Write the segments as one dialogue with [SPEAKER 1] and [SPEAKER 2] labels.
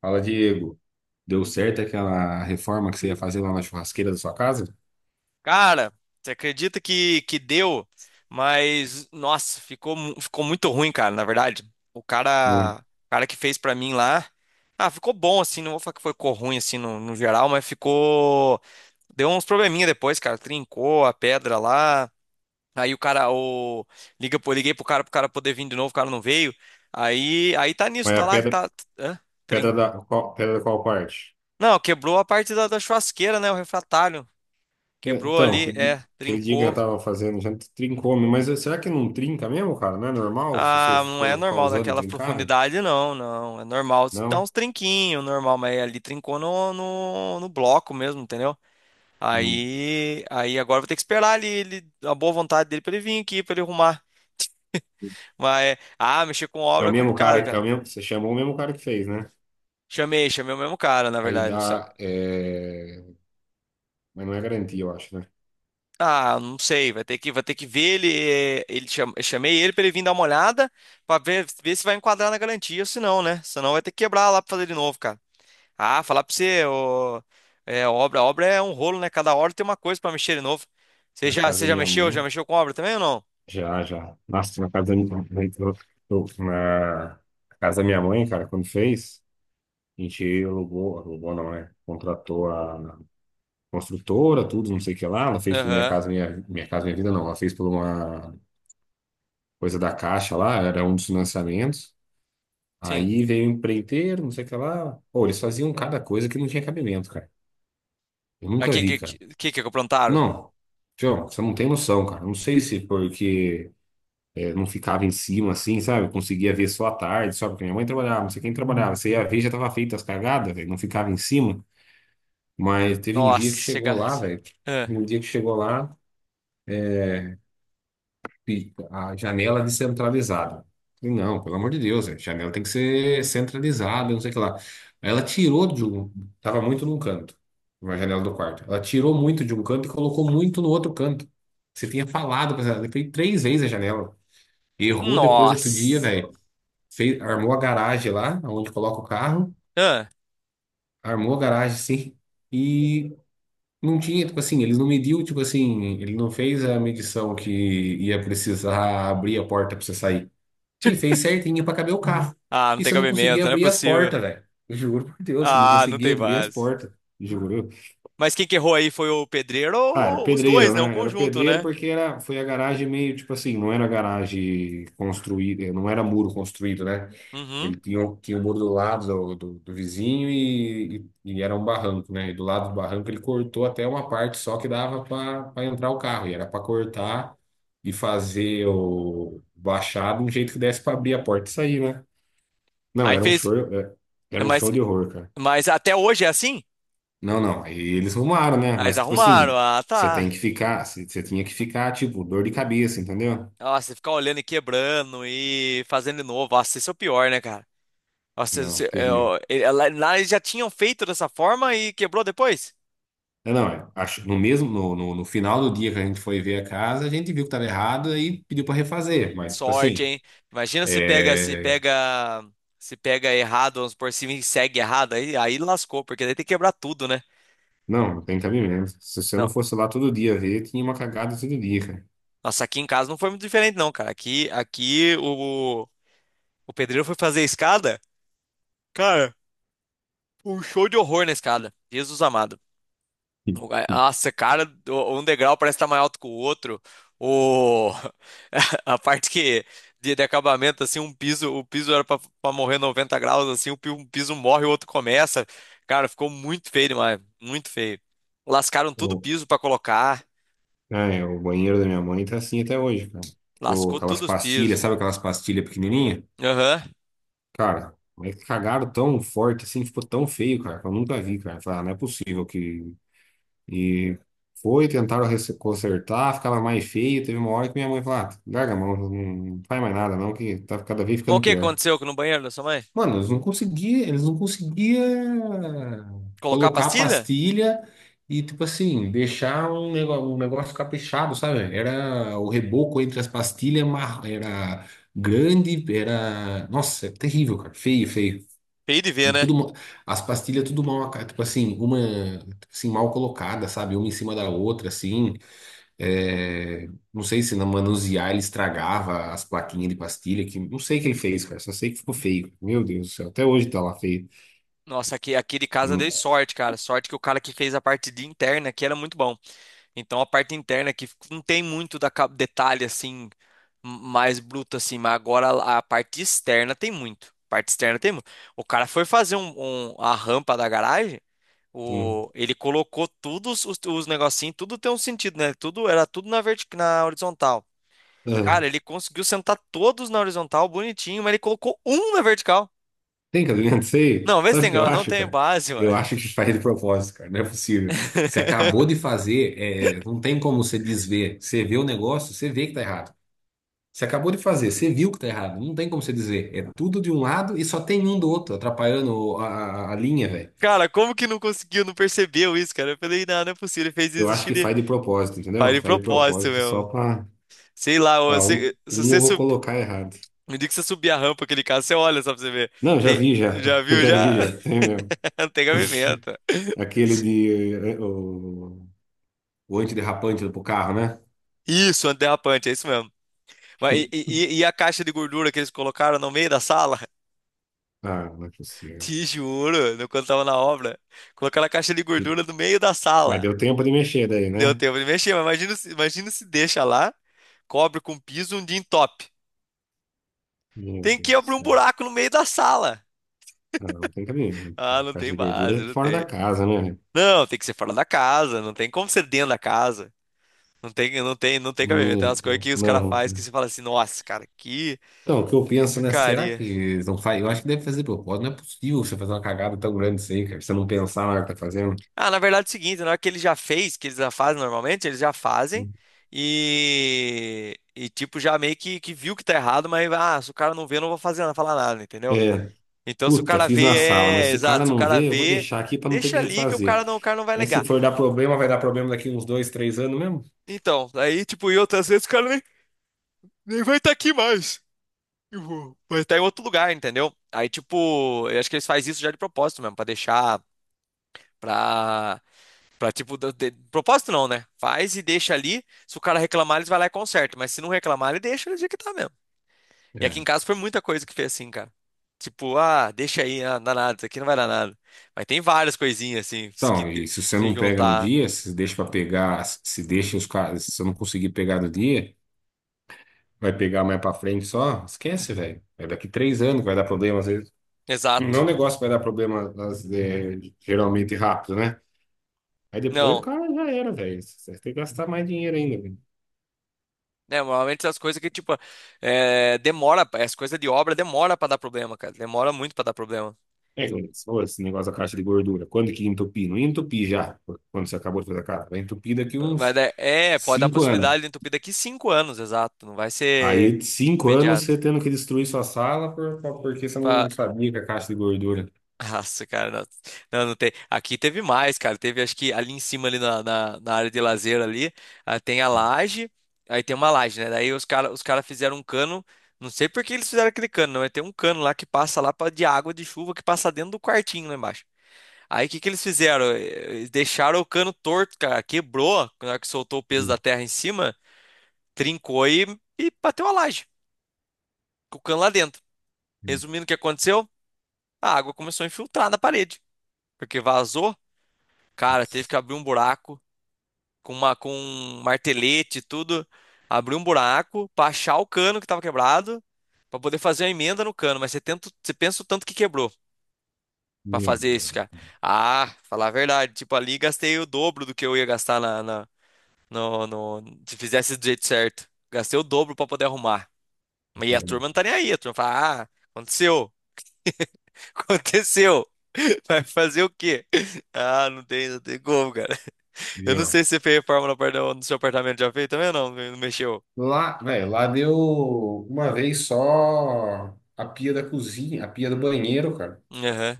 [SPEAKER 1] Fala, Diego. Deu certo aquela reforma que você ia fazer lá na churrasqueira da sua casa?
[SPEAKER 2] Cara, você acredita que deu, mas nossa, ficou muito ruim, cara, na verdade. O
[SPEAKER 1] Hum.
[SPEAKER 2] cara, o cara que fez pra mim lá, ficou bom assim, não vou falar que ficou ruim assim no geral, mas ficou deu uns probleminha depois, cara, trincou a pedra lá. Aí o cara, o liga, pro- liguei pro cara poder vir de novo, o cara não veio. Aí tá nisso,
[SPEAKER 1] Mas a
[SPEAKER 2] tá lá,
[SPEAKER 1] pedra,
[SPEAKER 2] tá, hã? Trin-
[SPEAKER 1] pedra da qual parte?
[SPEAKER 2] Não, quebrou a parte da churrasqueira, né, o refratário. Quebrou
[SPEAKER 1] Então,
[SPEAKER 2] ali, é,
[SPEAKER 1] aquele dia que eu
[SPEAKER 2] trincou.
[SPEAKER 1] tava fazendo, já trincou, mas será que não trinca mesmo, cara? Não é normal se você
[SPEAKER 2] Ah, não é
[SPEAKER 1] for ficar
[SPEAKER 2] normal
[SPEAKER 1] usando
[SPEAKER 2] daquela
[SPEAKER 1] trincar, né?
[SPEAKER 2] profundidade, não, não. É normal dar
[SPEAKER 1] Não?
[SPEAKER 2] uns trinquinhos, normal, mas ali trincou no bloco mesmo, entendeu?
[SPEAKER 1] Hum.
[SPEAKER 2] Aí agora vou ter que esperar ele, a boa vontade dele pra ele vir aqui, pra ele arrumar. Mas, mexer com
[SPEAKER 1] É
[SPEAKER 2] obra
[SPEAKER 1] o
[SPEAKER 2] é
[SPEAKER 1] mesmo cara,
[SPEAKER 2] complicado,
[SPEAKER 1] é o
[SPEAKER 2] cara.
[SPEAKER 1] mesmo, você chamou o mesmo cara que fez, né?
[SPEAKER 2] Chamei o mesmo cara, na
[SPEAKER 1] Aí
[SPEAKER 2] verdade.
[SPEAKER 1] dá, é, mas não é garantia, eu acho, né?
[SPEAKER 2] Ah, não sei, vai ter que ver ele, eu chamei ele pra ele vir dar uma olhada, pra ver se vai enquadrar na garantia, ou se não, né? Senão vai ter que quebrar lá pra fazer de novo, cara. Ah, falar pra você, ô, é, obra é um rolo, né? Cada hora tem uma coisa pra mexer de novo. Você
[SPEAKER 1] Na
[SPEAKER 2] já,
[SPEAKER 1] casa
[SPEAKER 2] você
[SPEAKER 1] da
[SPEAKER 2] já
[SPEAKER 1] minha
[SPEAKER 2] mexeu? Já
[SPEAKER 1] mãe.
[SPEAKER 2] mexeu com obra também ou não?
[SPEAKER 1] Já, já. Nossa, na casa da minha, na casa da minha mãe, cara, quando fez, a gente alugou, alugou não, né? Contratou a construtora, tudo, não sei o que lá. Ela fez pela Minha
[SPEAKER 2] Aham,
[SPEAKER 1] Casa Minha, minha Casa Minha Vida, não. Ela fez por uma coisa da Caixa lá, era um dos financiamentos.
[SPEAKER 2] sim.
[SPEAKER 1] Aí veio o empreiteiro, não sei o que lá. Pô, eles faziam cada coisa que não tinha cabimento, cara. Eu
[SPEAKER 2] Mas o
[SPEAKER 1] nunca
[SPEAKER 2] que, que,
[SPEAKER 1] vi, cara.
[SPEAKER 2] que, que que plantaram?
[SPEAKER 1] Não, João, você não tem noção, cara. Não sei se porque é, não ficava em cima, assim, sabe? Eu conseguia ver só à tarde, só porque minha mãe trabalhava, não sei quem trabalhava. Você ia ver, já tava feita as cagadas, velho. Não ficava em cima. Mas teve um dia que
[SPEAKER 2] Nossa,
[SPEAKER 1] chegou
[SPEAKER 2] chega.
[SPEAKER 1] lá, velho.
[SPEAKER 2] Ah,
[SPEAKER 1] Um dia que chegou lá, e a janela descentralizada. Falei, não, pelo amor de Deus, velho. Janela tem que ser centralizada, não sei o que lá. Aí ela tirou de um. Tava muito num canto, uma janela do quarto. Ela tirou muito de um canto e colocou muito no outro canto. Você tinha falado pra ela, eu falei 3 vezes a janela. Errou depois outro dia,
[SPEAKER 2] nossa.
[SPEAKER 1] velho. Fez, armou a garagem lá, onde coloca o carro,
[SPEAKER 2] Ah,
[SPEAKER 1] armou a garagem, sim, e não tinha, tipo assim, eles não mediu, tipo assim, ele não fez a medição que ia precisar abrir a porta pra você sair. Ele fez certinho pra caber o, uhum, carro.
[SPEAKER 2] ah, não
[SPEAKER 1] E
[SPEAKER 2] tem
[SPEAKER 1] você não conseguia
[SPEAKER 2] cabimento, não é
[SPEAKER 1] abrir as
[SPEAKER 2] possível.
[SPEAKER 1] portas, velho. Eu juro por Deus, você não
[SPEAKER 2] Ah, não
[SPEAKER 1] conseguia
[SPEAKER 2] tem
[SPEAKER 1] abrir as
[SPEAKER 2] base.
[SPEAKER 1] portas. Juro.
[SPEAKER 2] Mas quem que errou aí foi o pedreiro
[SPEAKER 1] Ah, era
[SPEAKER 2] ou os dois,
[SPEAKER 1] pedreiro,
[SPEAKER 2] né? O
[SPEAKER 1] né? Era
[SPEAKER 2] conjunto,
[SPEAKER 1] pedreiro
[SPEAKER 2] né?
[SPEAKER 1] porque era, foi a garagem meio, tipo assim, não era garagem construída, não era muro construído, né? Ele
[SPEAKER 2] Uhum.
[SPEAKER 1] tinha, tinha o muro do lado do vizinho e, e era um barranco, né? E do lado do barranco ele cortou até uma parte só que dava para entrar o carro. E era para cortar e fazer o baixado de um jeito que desse para abrir a porta e sair, né? Não,
[SPEAKER 2] Aí
[SPEAKER 1] era um
[SPEAKER 2] fez.
[SPEAKER 1] show, é, era um
[SPEAKER 2] Mas,
[SPEAKER 1] show de horror, cara.
[SPEAKER 2] mas até hoje é assim?
[SPEAKER 1] Não, não. Aí eles rumaram, né?
[SPEAKER 2] Ah, eles
[SPEAKER 1] Mas tipo assim,
[SPEAKER 2] arrumaram. Ah,
[SPEAKER 1] você tem
[SPEAKER 2] tá.
[SPEAKER 1] que ficar, você tinha que ficar, tipo, dor de cabeça, entendeu?
[SPEAKER 2] Nossa, ficar olhando e quebrando e fazendo de novo. Nossa, isso é o pior, né, cara? Nossa, isso-
[SPEAKER 1] Não, terrível.
[SPEAKER 2] eu- ele- lá lá eles já tinham feito dessa forma e quebrou depois?
[SPEAKER 1] É, não, é, acho, no mesmo, no final do dia que a gente foi ver a casa, a gente viu que estava errado e pediu para refazer. Mas, tipo
[SPEAKER 2] Sorte,
[SPEAKER 1] assim,
[SPEAKER 2] hein? Imagina se pega, se
[SPEAKER 1] é,
[SPEAKER 2] pega, se pega errado, vamos por cima e segue errado, aí lascou, porque daí tem que quebrar tudo, né?
[SPEAKER 1] não, não tem cabimento. Se você
[SPEAKER 2] Não,
[SPEAKER 1] não fosse lá todo dia ver, tinha uma cagada todo dia, cara.
[SPEAKER 2] nossa, aqui em casa não foi muito diferente, não, cara. Aqui o pedreiro foi fazer a escada, cara, um show de horror na escada. Jesus amado. Nossa, cara, um degrau parece estar mais alto que o outro. O... A parte de acabamento, assim, um piso, o piso era para morrer 90 graus, assim, um piso morre, o outro começa. Cara, ficou muito feio demais, muito feio. Lascaram tudo o
[SPEAKER 1] O,
[SPEAKER 2] piso para colocar,
[SPEAKER 1] é, o banheiro da minha mãe tá assim até hoje, cara. Tipo,
[SPEAKER 2] lascou tudo
[SPEAKER 1] aquelas
[SPEAKER 2] os
[SPEAKER 1] pastilhas,
[SPEAKER 2] pisos.
[SPEAKER 1] sabe aquelas pastilhas pequenininhas?
[SPEAKER 2] Aham.
[SPEAKER 1] Cara, mas cagaram tão forte assim, ficou tão feio, cara, que eu nunca vi, cara. Falei, ah, não é possível que e foi, consertar, ficava mais feio. Teve uma hora que minha mãe falou: ah, larga a mão, não faz mais nada, não, que tá cada vez
[SPEAKER 2] Mas o
[SPEAKER 1] ficando
[SPEAKER 2] que
[SPEAKER 1] pior.
[SPEAKER 2] aconteceu no banheiro da sua mãe?
[SPEAKER 1] Mano, eles não conseguiam
[SPEAKER 2] Colocar a
[SPEAKER 1] colocar a
[SPEAKER 2] pastilha?
[SPEAKER 1] pastilha e, tipo assim, deixar um negócio caprichado, sabe? Era o reboco entre as pastilhas, era grande, era. Nossa, é terrível, cara. Feio, feio
[SPEAKER 2] Feio de ver,
[SPEAKER 1] em
[SPEAKER 2] né?
[SPEAKER 1] tudo, as pastilhas tudo mal, tipo assim, uma assim, mal colocada, sabe? Uma em cima da outra, assim. É, não sei se na manusear ele estragava as plaquinhas de pastilha, que não sei o que ele fez, cara. Só sei que ficou feio. Meu Deus do céu, até hoje tá lá feio.
[SPEAKER 2] Nossa, aqui de casa dei
[SPEAKER 1] Hum,
[SPEAKER 2] sorte, cara. Sorte que o cara que fez a parte de interna aqui era muito bom. Então a parte interna que não tem muito detalhe assim mais bruto assim, mas agora a parte externa tem muito. Parte externa tem muito. O cara foi fazer a rampa da garagem,
[SPEAKER 1] hum.
[SPEAKER 2] ele colocou todos os negocinhos, tudo tem um sentido, né? Tudo era tudo na horizontal.
[SPEAKER 1] Ah,
[SPEAKER 2] Cara, ele conseguiu sentar todos na horizontal, bonitinho, mas ele colocou um na vertical.
[SPEAKER 1] tem que adivinhar, não sei.
[SPEAKER 2] Não, vê se
[SPEAKER 1] Sabe o
[SPEAKER 2] tem,
[SPEAKER 1] que eu
[SPEAKER 2] não
[SPEAKER 1] acho,
[SPEAKER 2] tem
[SPEAKER 1] cara?
[SPEAKER 2] base, mano.
[SPEAKER 1] Eu acho que faz de propósito, cara. Não é possível. Você acabou de fazer, é, não tem como você desver. Você vê o negócio, você vê que tá errado. Você acabou de fazer, você viu que tá errado. Não tem como você dizer. É tudo de um lado e só tem um do outro, atrapalhando a, a linha, velho.
[SPEAKER 2] Cara, como que não conseguiu, não percebeu isso, cara? Eu falei, não, não é possível, ele fez
[SPEAKER 1] Eu
[SPEAKER 2] isso, acho
[SPEAKER 1] acho
[SPEAKER 2] que
[SPEAKER 1] que
[SPEAKER 2] ele
[SPEAKER 1] faz de propósito,
[SPEAKER 2] faz
[SPEAKER 1] entendeu?
[SPEAKER 2] de
[SPEAKER 1] Faz de
[SPEAKER 2] propósito,
[SPEAKER 1] propósito só
[SPEAKER 2] meu.
[SPEAKER 1] pra,
[SPEAKER 2] Sei lá, ou
[SPEAKER 1] pra um,
[SPEAKER 2] se
[SPEAKER 1] um eu
[SPEAKER 2] você
[SPEAKER 1] vou
[SPEAKER 2] subir.
[SPEAKER 1] colocar errado.
[SPEAKER 2] Me diga que você subir a rampa, aquele caso, você olha só pra você ver.
[SPEAKER 1] Não, já
[SPEAKER 2] Tem,
[SPEAKER 1] vi já.
[SPEAKER 2] já
[SPEAKER 1] Eu
[SPEAKER 2] viu?
[SPEAKER 1] já
[SPEAKER 2] Já.
[SPEAKER 1] vi já. Tem mesmo.
[SPEAKER 2] Não tem gavimenta.
[SPEAKER 1] Aquele de, o antiderrapante pro carro, né?
[SPEAKER 2] Isso, antiderrapante, é isso mesmo. Mas, e a caixa de gordura que eles colocaram no meio da sala?
[SPEAKER 1] Ah, não é possível.
[SPEAKER 2] Te juro, quando tava na obra, colocaram a caixa de gordura no meio da
[SPEAKER 1] Mas
[SPEAKER 2] sala.
[SPEAKER 1] deu tempo de mexer daí,
[SPEAKER 2] Deu
[SPEAKER 1] né?
[SPEAKER 2] tempo de mexer, mas imagina, imagina se deixa lá, cobre com piso um dia em top.
[SPEAKER 1] Meu
[SPEAKER 2] Tem que
[SPEAKER 1] Deus do
[SPEAKER 2] abrir um
[SPEAKER 1] céu.
[SPEAKER 2] buraco no meio da sala.
[SPEAKER 1] Não, não tem cabimento,
[SPEAKER 2] Ah,
[SPEAKER 1] cara.
[SPEAKER 2] não
[SPEAKER 1] Caixa
[SPEAKER 2] tem
[SPEAKER 1] de gordura
[SPEAKER 2] base,
[SPEAKER 1] é
[SPEAKER 2] não
[SPEAKER 1] fora da
[SPEAKER 2] tem.
[SPEAKER 1] casa, né?
[SPEAKER 2] Não, tem que ser fora da casa, não tem como ser dentro da casa. Não tem cabimento. Tem
[SPEAKER 1] Meu
[SPEAKER 2] umas coisas
[SPEAKER 1] Deus.
[SPEAKER 2] que os caras
[SPEAKER 1] Não,
[SPEAKER 2] fazem que você fala assim, nossa, cara, que
[SPEAKER 1] então, o que eu penso, né? Será
[SPEAKER 2] porcaria.
[SPEAKER 1] que eles não faz? Eu acho que deve fazer propósito. Não é possível você fazer uma cagada tão grande assim, cara. Você não pensar na hora que tá fazendo.
[SPEAKER 2] Ah, na verdade é o seguinte, na hora que ele já fez, que eles já fazem normalmente, eles já fazem e tipo, já meio que viu que tá errado, mas ah, se o cara não vê, eu não vou fazer nada, falar nada, entendeu?
[SPEAKER 1] É,
[SPEAKER 2] Então se o
[SPEAKER 1] puta,
[SPEAKER 2] cara
[SPEAKER 1] fiz na
[SPEAKER 2] vê,
[SPEAKER 1] sala, mas
[SPEAKER 2] é,
[SPEAKER 1] se o cara
[SPEAKER 2] exato, se o
[SPEAKER 1] não
[SPEAKER 2] cara
[SPEAKER 1] vê, eu vou
[SPEAKER 2] vê,
[SPEAKER 1] deixar aqui pra não ter
[SPEAKER 2] deixa
[SPEAKER 1] que
[SPEAKER 2] ali que o
[SPEAKER 1] refazer.
[SPEAKER 2] cara não, o cara não vai
[SPEAKER 1] Aí se
[SPEAKER 2] ligar.
[SPEAKER 1] for dar problema, vai dar problema daqui uns 2, 3 anos mesmo?
[SPEAKER 2] Então, aí, tipo, eu outras vezes o cara nem vai estar aqui mais. Eu vou. Mas tá em outro lugar, entendeu? Aí, tipo, eu acho que eles fazem isso já de propósito mesmo, pra deixar, pra, pra tipo, propósito não, né? Faz e deixa ali, se o cara reclamar, eles vai lá e conserta, mas se não reclamar, ele deixa do jeito que tá mesmo. E aqui
[SPEAKER 1] É.
[SPEAKER 2] em casa foi muita coisa que fez assim, cara. Tipo, ah, deixa aí, ah, não dá nada, isso aqui não vai dar nada. Mas tem várias coisinhas, assim, se que
[SPEAKER 1] Então,
[SPEAKER 2] te-
[SPEAKER 1] e se você
[SPEAKER 2] se
[SPEAKER 1] não pega no
[SPEAKER 2] juntar.
[SPEAKER 1] dia, se deixa pra pegar, se deixa os caras, se você não conseguir pegar no dia, vai pegar mais pra frente só, esquece, velho. É daqui 3 anos que vai dar problema, às vezes. Não é um
[SPEAKER 2] Exato.
[SPEAKER 1] negócio que vai dar problema, é, geralmente rápido, né? Aí depois o
[SPEAKER 2] Não.
[SPEAKER 1] cara já era, velho. Você tem que gastar mais dinheiro ainda, velho.
[SPEAKER 2] Né, normalmente as coisas que, tipo, é, demora, as coisas de obra demora pra dar problema, cara. Demora muito pra dar problema.
[SPEAKER 1] É, que nem você falou, esse negócio da caixa de gordura. Quando que entupir? Não entupi já, quando você acabou de fazer a cara. Vai entupir daqui
[SPEAKER 2] Vai
[SPEAKER 1] uns
[SPEAKER 2] dar, é, pode dar
[SPEAKER 1] 5 anos.
[SPEAKER 2] possibilidade de entupir daqui 5 anos, exato. Não vai ser
[SPEAKER 1] Aí, de 5 anos,
[SPEAKER 2] imediato.
[SPEAKER 1] você tendo que destruir sua sala por, porque você não
[SPEAKER 2] Fa-
[SPEAKER 1] sabia que a caixa de gordura.
[SPEAKER 2] Nossa, cara, não, não, não tem. Aqui teve mais, cara. Teve, acho que ali em cima, ali na área de lazer ali, tem a laje, aí tem uma laje, né? Daí os cara fizeram um cano. Não sei por que eles fizeram aquele cano, não. É, tem um cano lá que passa lá de água de chuva que passa dentro do quartinho lá embaixo. Aí o que que eles fizeram? Deixaram o cano torto, cara. Quebrou na hora que soltou o peso
[SPEAKER 1] Meu
[SPEAKER 2] da terra em cima. Trincou e bateu a laje, com o cano lá dentro. Resumindo o que aconteceu, a água começou a infiltrar na parede, porque vazou. Cara, teve que
[SPEAKER 1] Deus.
[SPEAKER 2] abrir um buraco com um martelete e tudo, abriu um buraco pra achar o cano que tava quebrado, pra poder fazer uma emenda no cano, mas você tenta, você pensa o tanto que quebrou pra
[SPEAKER 1] Meu
[SPEAKER 2] fazer isso, cara. Ah, falar a verdade, tipo ali gastei o dobro do que eu ia gastar no, no- se fizesse do jeito certo. Gastei o dobro pra poder arrumar. E a
[SPEAKER 1] Deus.
[SPEAKER 2] turma não tá nem aí, a turma fala: "Ah, aconteceu". Aconteceu. Vai fazer o quê? Ah, não tem como, cara. Eu não
[SPEAKER 1] Meu.
[SPEAKER 2] sei se você fez reforma no seu apartamento já fez também ou não, não mexeu.
[SPEAKER 1] Lá, velho, lá deu uma vez só a pia da cozinha, a pia do banheiro, cara.
[SPEAKER 2] Aham.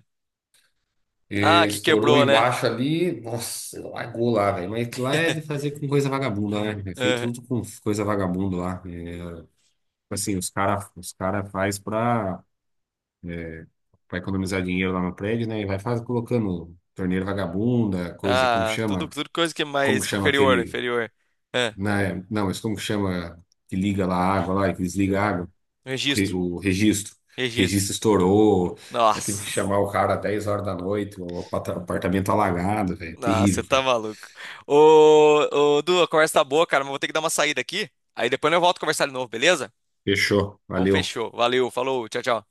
[SPEAKER 2] Ah,
[SPEAKER 1] É,
[SPEAKER 2] que
[SPEAKER 1] estourou
[SPEAKER 2] quebrou, né?
[SPEAKER 1] embaixo ali, nossa, largou lá, velho. Mas que lá é de fazer com coisa vagabunda, né? É feito
[SPEAKER 2] Aham.
[SPEAKER 1] tudo com coisa vagabunda lá. É, assim, os cara faz pra, é, pra economizar dinheiro lá no prédio, né? E vai faz, colocando torneira vagabunda, coisa, como que
[SPEAKER 2] Ah, tudo,
[SPEAKER 1] chama?
[SPEAKER 2] tudo coisa que é
[SPEAKER 1] Como que
[SPEAKER 2] mais
[SPEAKER 1] chama
[SPEAKER 2] inferior, né?
[SPEAKER 1] aquele.
[SPEAKER 2] Inferior. Ah,
[SPEAKER 1] Né? Não, mas como que chama que liga lá a água lá e que desliga a água?
[SPEAKER 2] registro,
[SPEAKER 1] O registro. O
[SPEAKER 2] registro.
[SPEAKER 1] registro estourou, aí tive que
[SPEAKER 2] Nossa,
[SPEAKER 1] chamar o cara às 10 horas da noite, apartamento alagado, velho.
[SPEAKER 2] nossa, você
[SPEAKER 1] Terrível,
[SPEAKER 2] tá
[SPEAKER 1] cara.
[SPEAKER 2] maluco. Ô, ô, Du, a conversa tá boa, cara, mas vou ter que dar uma saída aqui. Aí depois eu volto a conversar de novo, beleza?
[SPEAKER 1] Fechou,
[SPEAKER 2] Então
[SPEAKER 1] valeu.
[SPEAKER 2] fechou. Valeu, falou, tchau, tchau.